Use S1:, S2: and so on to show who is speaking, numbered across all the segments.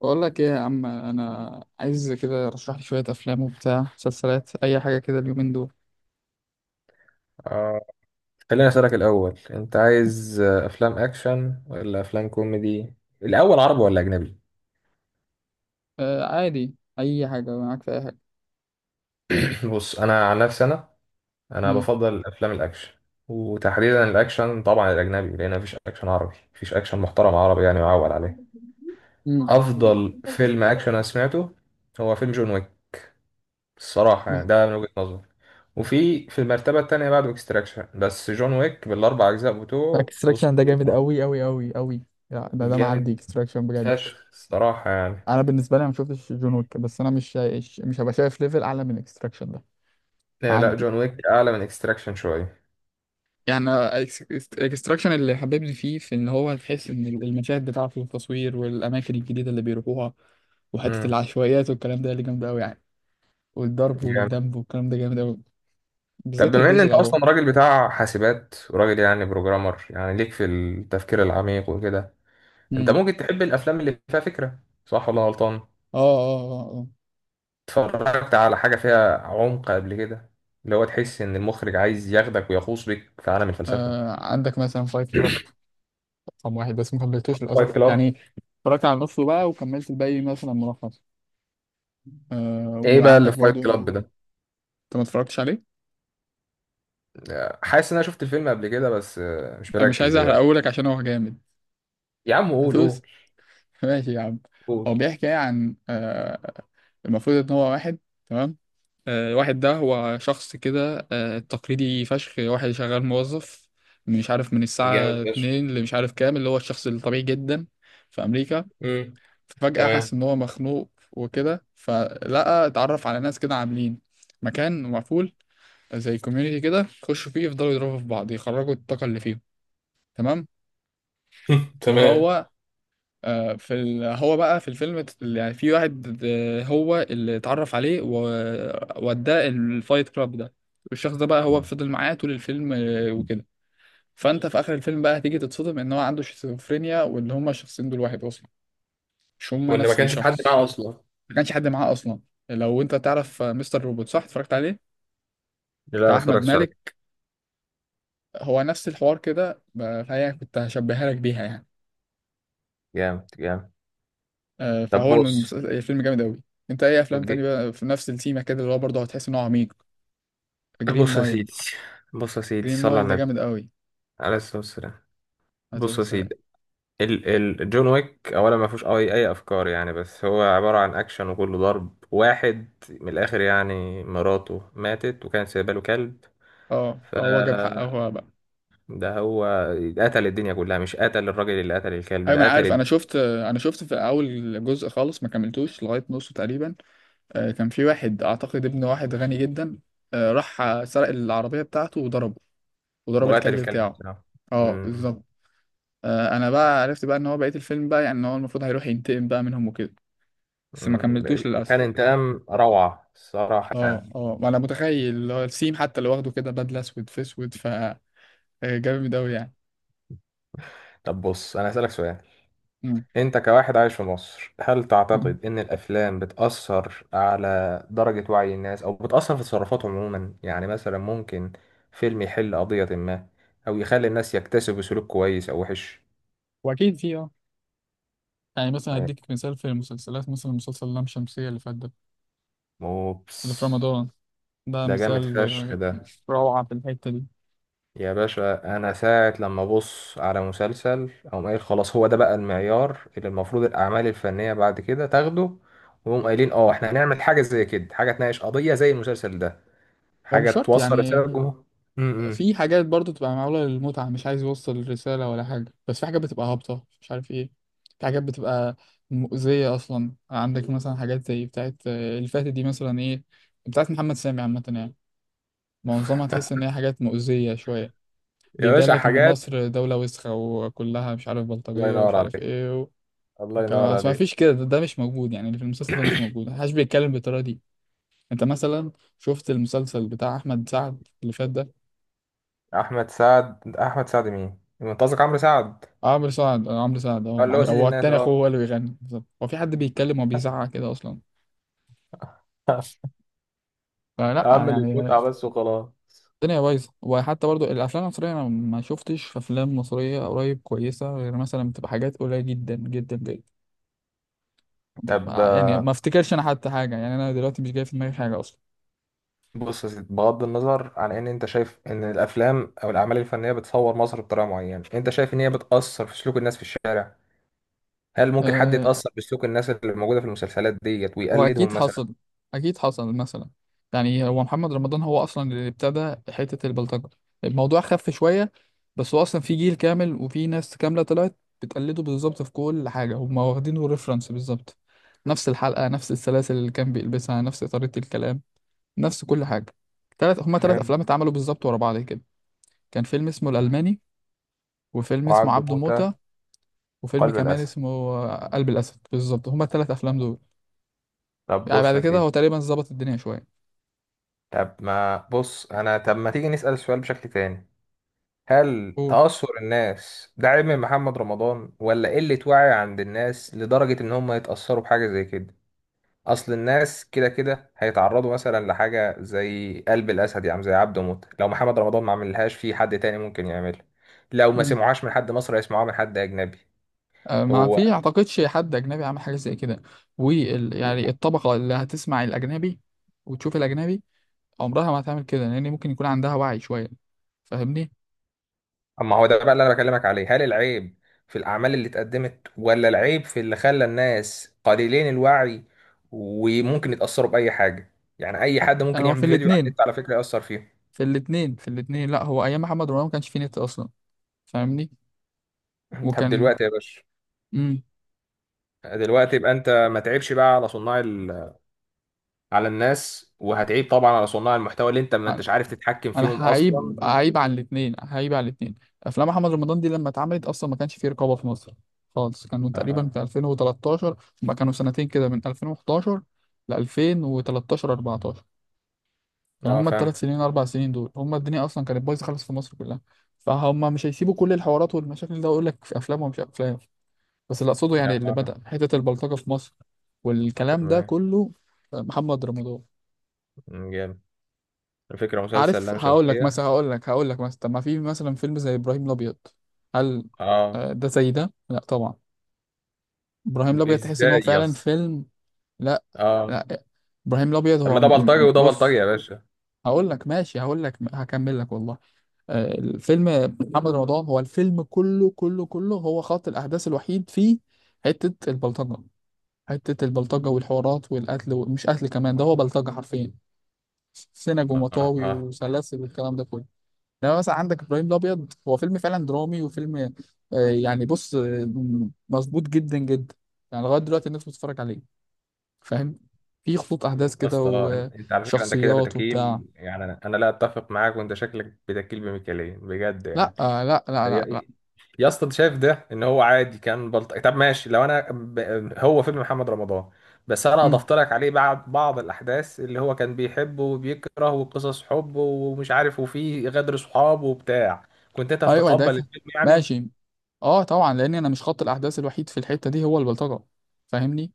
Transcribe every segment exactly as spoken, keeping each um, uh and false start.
S1: بقول لك ايه يا عم؟ انا عايز كده، رشح لي شويه افلام وبتاع مسلسلات، اي حاجه كده اليومين دول.
S2: آه، خليني أسألك الأول أنت عايز آه، أفلام أكشن ولا أفلام كوميدي؟ الأول عربي ولا أجنبي؟
S1: آه، عادي، اي حاجه معاك، في اي حاجه.
S2: بص أنا عن نفسي أنا أنا
S1: امم.
S2: بفضل أفلام الأكشن، وتحديدا الأكشن طبعا الأجنبي، لأن مفيش أكشن عربي، مفيش أكشن محترم عربي يعني معول عليه.
S1: امم.
S2: أفضل فيلم أكشن أنا سمعته هو فيلم جون ويك، الصراحة يعني، ده من وجهة نظري. وفي في المرتبة التانية بعد اكستراكشن، بس جون ويك بالأربع أجزاء بتوعه
S1: اكستراكشن ده جامد
S2: أسطورة.
S1: قوي قوي قوي قوي. يعني ده ده معدي
S2: جامد
S1: اكستراكشن بجد.
S2: فشخ الصراحة يعني.
S1: انا بالنسبه لي أنا ما شفتش جون ويك، بس انا مش شايش مش هبقى شايف ليفل اعلى من اكستراكشن ده.
S2: لا لا،
S1: معدي
S2: جون ويك اعلى من اكستراكشن شويه.
S1: يعني. الاكستراكشن اللي حببني فيه، في ان هو تحس ان المشاهد بتاعته والتصوير والاماكن الجديده اللي بيروحوها، وحته
S2: امم،
S1: العشوائيات والكلام ده اللي جامده قوي يعني. والضرب
S2: جامد.
S1: والدب والكلام ده جامد أوي،
S2: طب
S1: بالذات
S2: بما ان
S1: الجزء
S2: انت
S1: الأول.
S2: اصلا راجل بتاع حاسبات وراجل يعني بروجرامر، يعني ليك في التفكير العميق وكده، انت
S1: امم.
S2: ممكن تحب الافلام اللي فيها فكره، صح ولا غلطان؟
S1: اه، اه، اه، اه.
S2: اتفرجت على حاجه فيها عمق قبل كده؟ اللي هو تحس ان المخرج عايز ياخدك ويغوص بك في عالم الفلسفه.
S1: آه، عندك مثلا فايت كلاب رقم واحد، بس ما كملتوش
S2: فايت
S1: للأسف
S2: كلاب؟
S1: يعني. اتفرجت على نصه بقى وكملت الباقي مثلا ملخص. آه،
S2: ايه بقى اللي
S1: وعندك
S2: في فايت
S1: برضو
S2: كلاب ده؟
S1: انت، ما اتفرجتش عليه؟
S2: حاسس ان انا شفت الفيلم قبل كده، بس آه، مش
S1: انا مش
S2: مركز
S1: عايز احرق،
S2: دلوقتي.
S1: اقولك عشان هو جامد.
S2: يا عم قول، قول.
S1: هتوس. ماشي يا عم. هو
S2: قول.
S1: بيحكي يعني عن آه المفروض ان هو واحد، تمام. آه، الواحد ده هو شخص كده، آه، تقليدي فشخ، واحد شغال موظف، مش عارف من
S2: جامد
S1: الساعة
S2: فشخ.
S1: اتنين اللي مش عارف كام، اللي هو الشخص الطبيعي جدا في أمريكا.
S2: امم.
S1: فجأة حس
S2: تمام.
S1: إن هو مخنوق وكده، فلقى اتعرف على ناس كده عاملين مكان مقفول زي كوميونيتي كده، يخشوا فيه يفضلوا يضربوا في بعض، يخرجوا الطاقة اللي فيهم. تمام.
S2: تمام.
S1: وهو، آه، في ال... هو بقى في الفيلم ت- يعني في واحد، آه، هو اللي اتعرف عليه ووداه الفايت كلاب ده. والشخص ده بقى هو فضل معاه طول الفيلم، آه، وكده. فانت في اخر الفيلم بقى هتيجي تتصدم ان هو عنده شيزوفرينيا، وان هما الشخصين دول واحد اصلا، مش هما
S2: وان ما
S1: نفس
S2: كانش في حد
S1: الشخص.
S2: معاه اصلا.
S1: ما كانش حد معاه اصلا. لو انت تعرف آه، مستر روبوت، صح؟ اتفرجت عليه؟
S2: لا، ما
S1: بتاع احمد
S2: اتفرجتش عليه.
S1: مالك. هو نفس الحوار كده، ب- فهي كنت هشبهها لك بيها يعني.
S2: جامد، جامد.
S1: آه،
S2: طب
S1: فهو الم-
S2: بص.
S1: المسلسل- الفيلم جامد قوي. انت اي افلام
S2: ج-
S1: تاني بقى في نفس التيمه كده، اللي هو برضه هتحس ان هو عميق؟ جرين
S2: بص يا
S1: مايل.
S2: سيدي. بص يا سيدي،
S1: جرين
S2: صلى على
S1: مايل ده
S2: النبي.
S1: جامد قوي.
S2: عليه الصلاة والسلام. بص
S1: هتقول
S2: يا
S1: سلام.
S2: سيدي. ال ال جون ويك اولا ما فيهوش اي اي افكار يعني، بس هو عبارة عن اكشن وكله ضرب واحد من الاخر. يعني مراته ماتت وكانت سايبه له كلب،
S1: اه،
S2: ف
S1: آه، هو جاب حقه هو بقى.
S2: ده هو قتل الدنيا كلها. مش قتل الراجل اللي قتل الكلب،
S1: ايوه
S2: ده
S1: انا
S2: قتل
S1: عارف، انا
S2: الدنيا.
S1: شفت، انا شفت في اول جزء خالص ما كملتوش لغايه نصه تقريبا. آه، كان في واحد اعتقد ابن واحد غني جدا، آه، راح سرق العربيه بتاعته وضربه، وضرب
S2: وقتل
S1: الكلب
S2: الكلب
S1: بتاعه.
S2: بتاعه.
S1: اه
S2: أمم.
S1: بالظبط. آه، انا بقى عرفت بقى ان هو بقيه الفيلم بقى، يعني ان هو المفروض هيروح ينتقم بقى منهم وكده. بس ما
S2: أمم.
S1: كملتوش
S2: كان
S1: للاسف.
S2: انتقام روعة الصراحة
S1: اه،
S2: يعني.
S1: اه، ما انا متخيل اللي هو السيم حتى اللي واخده كده بدله اسود في اسود، ف آه، جامد قوي يعني.
S2: طب بص، أنا هسألك سؤال. أنت كواحد عايش في مصر، هل
S1: مم.
S2: تعتقد إن الأفلام بتأثر على درجة وعي الناس أو بتأثر في تصرفاتهم عموما؟ يعني مثلا ممكن فيلم يحل قضية ما، أو يخلي الناس يكتسبوا سلوك كويس أو وحش.
S1: واكيد في اه يعني مثلا هديك مثال، في المسلسلات مثلا مسلسل لام شمسية اللي فات ده، اللي في
S2: أوبس،
S1: رمضان. ده
S2: ده جامد
S1: مثال
S2: فشخ
S1: آه،
S2: ده.
S1: روعة في الحتة دي.
S2: يا باشا أنا ساعة لما أبص على مسلسل أقوم قايل خلاص، هو ده بقى المعيار اللي المفروض الأعمال الفنية بعد كده تاخده. ويقوم قايلين اه احنا هنعمل حاجة زي كده، حاجة تناقش قضية زي المسلسل ده،
S1: هو
S2: حاجة
S1: مش شرط
S2: توصل
S1: يعني.
S2: رسالة للجمهور. امم.
S1: في حاجات برضو تبقى معمولة للمتعة، مش عايز يوصل الرسالة ولا حاجة، بس في حاجات بتبقى هابطة مش عارف ايه. في حاجات بتبقى مؤذية أصلا. عندك مثلا حاجات زي بتاعت آه، اللي فاتت دي، مثلا ايه، بتاعت محمد سامي عامة يعني. معظمها تحس إن هي حاجات مؤذية شوية.
S2: يا
S1: بيبان
S2: باشا
S1: لك إن
S2: حاجات.
S1: مصر دولة وسخة وكلها مش عارف
S2: الله
S1: بلطجية،
S2: ينور
S1: ومش عارف
S2: عليك.
S1: ايه
S2: الله
S1: الكلام.
S2: ينور
S1: اصل ما
S2: عليك.
S1: فيش كده، ده, ده مش موجود يعني، اللي في المسلسل ده مش موجود، محدش بيتكلم بالطريقه دي. انت مثلا شفت المسلسل بتاع احمد سعد اللي فات ده؟
S2: أحمد سعد؟ أحمد سعد مين؟ أنت قصدك عمرو سعد.
S1: آه، عمرو سعد، آه، عمرو سعد،
S2: آه،
S1: اه
S2: اللي
S1: معلش.
S2: هو سيد
S1: هو
S2: الناس
S1: التاني اخوه هو
S2: أه.
S1: اللي بيغني بالظبط. هو في حد بيتكلم وبيزعق كده اصلا؟ فلا
S2: أعمل
S1: يعني.
S2: المتعة بس وخلاص.
S1: الدنيا بايظه. وحتى برضو الافلام المصريه، انا ما شفتش افلام مصريه قريب كويسه، غير مثلا بتبقى حاجات قليله جدا جدا جدا،
S2: طب
S1: يعني
S2: آه،
S1: ما افتكرش انا حتى حاجه، يعني انا دلوقتي مش جاي في دماغي حاجه اصلا.
S2: بص يا سيدي، بغض النظر عن ان انت شايف ان الافلام او الاعمال الفنيه بتصور مصر بطريقه معينه، انت شايف ان هي بتاثر في سلوك الناس في الشارع؟ هل ممكن حد
S1: آه،
S2: يتاثر بسلوك الناس اللي موجوده في المسلسلات ديت
S1: هو اكيد
S2: ويقلدهم مثلا؟
S1: حصل. اكيد حصل. مثلا يعني، هو محمد رمضان هو اصلا اللي ابتدى حته البلطجه. الموضوع خف شويه، بس هو اصلا في جيل كامل وفي ناس كامله طلعت بتقلده بالظبط في كل حاجه، هم واخدينه ريفرنس بالظبط. نفس الحلقه، نفس السلاسل اللي كان بيلبسها، نفس طريقه الكلام، نفس كل حاجه. تلات هم تلات
S2: فاهم.
S1: افلام اتعملوا بالظبط ورا بعض كده. كان فيلم اسمه الالماني، وفيلم اسمه
S2: وعبده
S1: عبده موتة،
S2: موته.
S1: وفيلم
S2: قلب
S1: كمان
S2: الاسد.
S1: اسمه قلب الاسد بالظبط، هما التلات افلام دول.
S2: طب
S1: يعني
S2: بص
S1: بعد
S2: يا
S1: كده هو
S2: سيدي.
S1: تقريبا ظبط الدنيا شويه.
S2: طب ما بص انا، طب ما تيجي نسأل السؤال بشكل تاني. هل
S1: قول.
S2: تأثر الناس ده عيب من محمد رمضان، ولا قلة وعي عند الناس لدرجة ان هم يتأثروا بحاجة زي كده؟ اصل الناس كده كده هيتعرضوا مثلا لحاجة زي قلب الاسد، يعني زي عبده موت. لو محمد رمضان ما عملهاش، في حد تاني ممكن يعملها. لو ما
S1: مم.
S2: سمعوهاش من حد مصري هيسمعوها من حد اجنبي.
S1: آه، ما
S2: هو
S1: في اعتقدش حد اجنبي عامل حاجه زي كده. وال يعني الطبقه اللي هتسمع الاجنبي وتشوف الاجنبي، عمرها ما هتعمل كده، لان ممكن يكون عندها وعي شويه. فاهمني؟
S2: اما هو ده بقى اللي انا بكلمك عليه، هل العيب في الاعمال اللي اتقدمت، ولا العيب في اللي خلى الناس قليلين الوعي وممكن يتاثروا باي حاجه؟ يعني اي حد
S1: انا
S2: ممكن
S1: هو
S2: يعمل
S1: في
S2: فيديو على
S1: الاثنين،
S2: النت على فكره ياثر فيه.
S1: في الاثنين، في الاثنين. لا، هو ايام محمد رمضان ما كانش فيه نت اصلا. فاهمني؟
S2: طب
S1: وكان.
S2: دلوقتي يا باشا،
S1: امم.
S2: دلوقتي يبقى انت ما تعيبش بقى على صناع ال... على الناس، وهتعيب طبعا على صناع المحتوى اللي انت ما انتش عارف تتحكم فيهم
S1: انا
S2: اصلا.
S1: هعيب، هعيب على الاثنين، هعيب على الاثنين. افلام محمد رمضان دي لما اتعملت اصلا ما كانش فيه رقابه في مصر خالص. كانوا تقريبا
S2: اها.
S1: في ألفين وثلاثة عشر، ما كانوا سنتين كده، من ألفين وحداشر ل ألفين وتلتاشر أربعة عشر. كانوا
S2: اه
S1: هما
S2: فاهم.
S1: الثلاث سنين اربع سنين دول، هما الدنيا اصلا كانت بايظه خالص في مصر كلها. فهم مش هيسيبوا كل الحوارات والمشاكل، ده اقول لك في افلام ومش افلام. بس اللي اقصده يعني، اللي
S2: اها.
S1: بدأ حته البلطجه في مصر والكلام ده
S2: تمام.
S1: كله محمد رمضان.
S2: جامد. الفكره مسلسل
S1: عارف،
S2: لام
S1: هقول لك مثلا
S2: شمسيه.
S1: هقول لك هقول لك مثلا طب ما في مثلا فيلم زي ابراهيم الابيض. هل
S2: اه.
S1: آه، ده زي ده؟ لا طبعا. ابراهيم الابيض تحس ان هو
S2: ازاي يا
S1: فعلا
S2: اسطى؟
S1: فيلم. لا
S2: اه.
S1: لا، ابراهيم الابيض
S2: طب ما
S1: هو م...
S2: ده
S1: م...
S2: بلطجي
S1: م-
S2: وده بلطجي
S1: بص،
S2: يا باشا.
S1: هقول لك ماشي، هقول لك، هكمل لك والله. آه، الفيلم محمد رمضان، هو الفيلم كله كله كله، هو خط الاحداث الوحيد فيه حتة البلطجة. حتة البلطجة والحوارات والقتل ومش قتل كمان، ده هو بلطجة حرفيا، سنج ومطاوي
S2: اها.
S1: وسلاسل والكلام ده كله. لما مثلا عندك ابراهيم الابيض، هو فيلم فعلا درامي وفيلم، آه، يعني بص، آه، مظبوط جدا جدا، يعني لغايه دلوقتي الناس بتتفرج عليه. فاهم؟ في خطوط احداث
S2: يا
S1: كده
S2: اسطى انت، أنت على فكره انت كده
S1: وشخصيات وبتاع.
S2: بتكيل، يعني انا، أنا لا اتفق معاك، وانت شكلك بتكيل بميكالين بجد
S1: لا،
S2: يعني.
S1: آه، لا لا لا
S2: يا،
S1: لا.
S2: يا اسطى انت شايف ده ان هو عادي كان بلطجي؟ طب ماشي، لو انا ب... هو فيلم محمد رمضان، بس انا
S1: مم.
S2: اضفت لك عليه بعض بعض الاحداث اللي هو كان بيحبه وبيكره، وقصص حب ومش عارف، وفيه غدر صحاب وبتاع، كنت انت
S1: ايوه ده ك-
S2: هتتقبل الفيلم يعني.
S1: ماشي. اه طبعا، لان انا مش خط الاحداث الوحيد في الحته دي هو البلطجه. فاهمني؟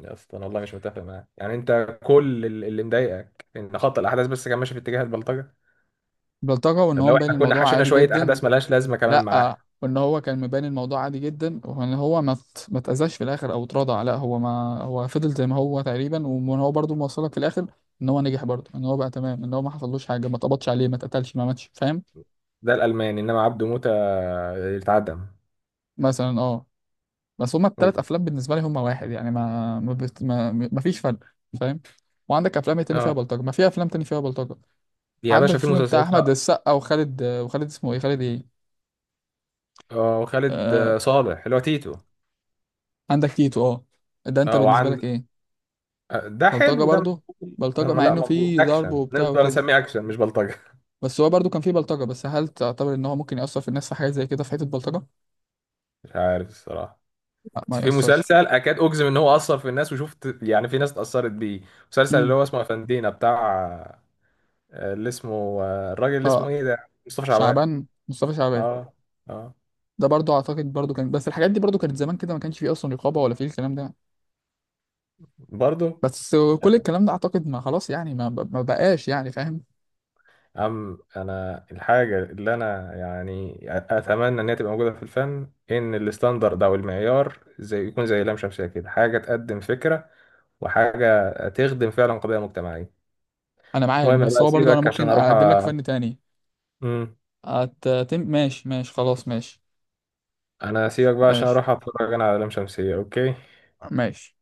S2: يا اسطى انا والله مش متفق معاك يعني. انت كل ال- اللي مضايقك ان خط الاحداث بس كان ماشي في اتجاه البلطجه.
S1: البلطجه، وان
S2: طب
S1: هو
S2: لو
S1: مبين
S2: احنا كنا
S1: الموضوع
S2: حشينا
S1: عادي
S2: شويه
S1: جدا.
S2: احداث ملهاش لازمه كمان معاه؟
S1: لا، وان هو كان مبان الموضوع عادي جدا، وان هو ما ات- ما اتأذاش في الاخر او اتراضع. لا، هو ما هو فضل زي ما هو تقريبا، وان هو برضه موصلك في الاخر ان هو نجح برضه، ان هو بقى تمام، ان هو ما حصلوش حاجه، ما اتقبضش عليه، ما اتقتلش، ما ماتش، فاهم؟
S2: ده الالماني، انما عبده موته اتعدم.
S1: مثلا اه. بس هما التلات افلام بالنسبه لي هما واحد يعني، ما ما, بت... ما... ما فيش فرق. فاهم؟ وعندك افلام إيه تاني فيها
S2: اه
S1: بلطجه؟ ما في افلام تاني فيها بلطجه.
S2: يا
S1: عندك
S2: باشا في
S1: الفيلم بتاع
S2: مسلسلات،
S1: احمد
S2: لا.
S1: السقا، وخالد وخالد اسمه ايه، خالد ايه؟
S2: اه وخالد،
S1: آه...
S2: آه، صالح اللي هو تيتو.
S1: عندك تيتو، اه. ده انت
S2: اه
S1: بالنسبه لك
S2: وعند
S1: ايه؟
S2: آه، ده
S1: بلطجة
S2: حلو ده
S1: برضو.
S2: مقبول.
S1: بلطجة،
S2: آه،
S1: مع
S2: لا
S1: انه
S2: مقبول،
S1: في ضرب
S2: اكشن
S1: وبتاع
S2: نقدر
S1: وكده،
S2: نسميه، اكشن مش بلطجه.
S1: بس هو برضو كان في بلطجة، بس هل تعتبر ان هو ممكن يأثر في الناس في حاجة زي كده، في حتة بلطجة؟
S2: مش عارف الصراحه.
S1: لا ما
S2: بس في
S1: يأثرش.
S2: مسلسل اكاد اجزم ان هو اثر في الناس، وشفت يعني في ناس اتاثرت بيه. مسلسل اللي
S1: امم.
S2: هو اسمه افندينا بتاع، آه، اللي اسمه آه، الراجل اللي اسمه
S1: اه.
S2: ايه ده، مصطفى شعبان.
S1: شعبان مصطفى شعبان.
S2: اه. اه.
S1: ده برضو اعتقد برضو كان، بس الحاجات دي برضو كانت زمان كده، ما كانش فيه اصلا رقابة ولا فيه الكلام ده.
S2: برضه.
S1: بس كل الكلام ده اعتقد ما، خلاص يعني، ما, ما بقاش يعني، فاهم؟
S2: أم، أنا الحاجة اللي أنا يعني أتمنى إن هي تبقى موجودة في الفن، إن الستاندرد أو المعيار زي يكون زي لام شمسية كده، حاجة تقدم فكرة وحاجة تخدم فعلا قضية مجتمعية.
S1: انا معاك،
S2: المهم
S1: بس
S2: بقى
S1: هو برضو انا
S2: أسيبك عشان
S1: ممكن
S2: أروح
S1: اقدم لك
S2: أ...
S1: فن تاني.
S2: مم.
S1: أت... تم- ماشي ماشي خلاص، ماشي
S2: أنا أسيبك بقى عشان
S1: ماشي
S2: أروح أتفرج أنا على لام شمسية، أوكي.
S1: ماشي.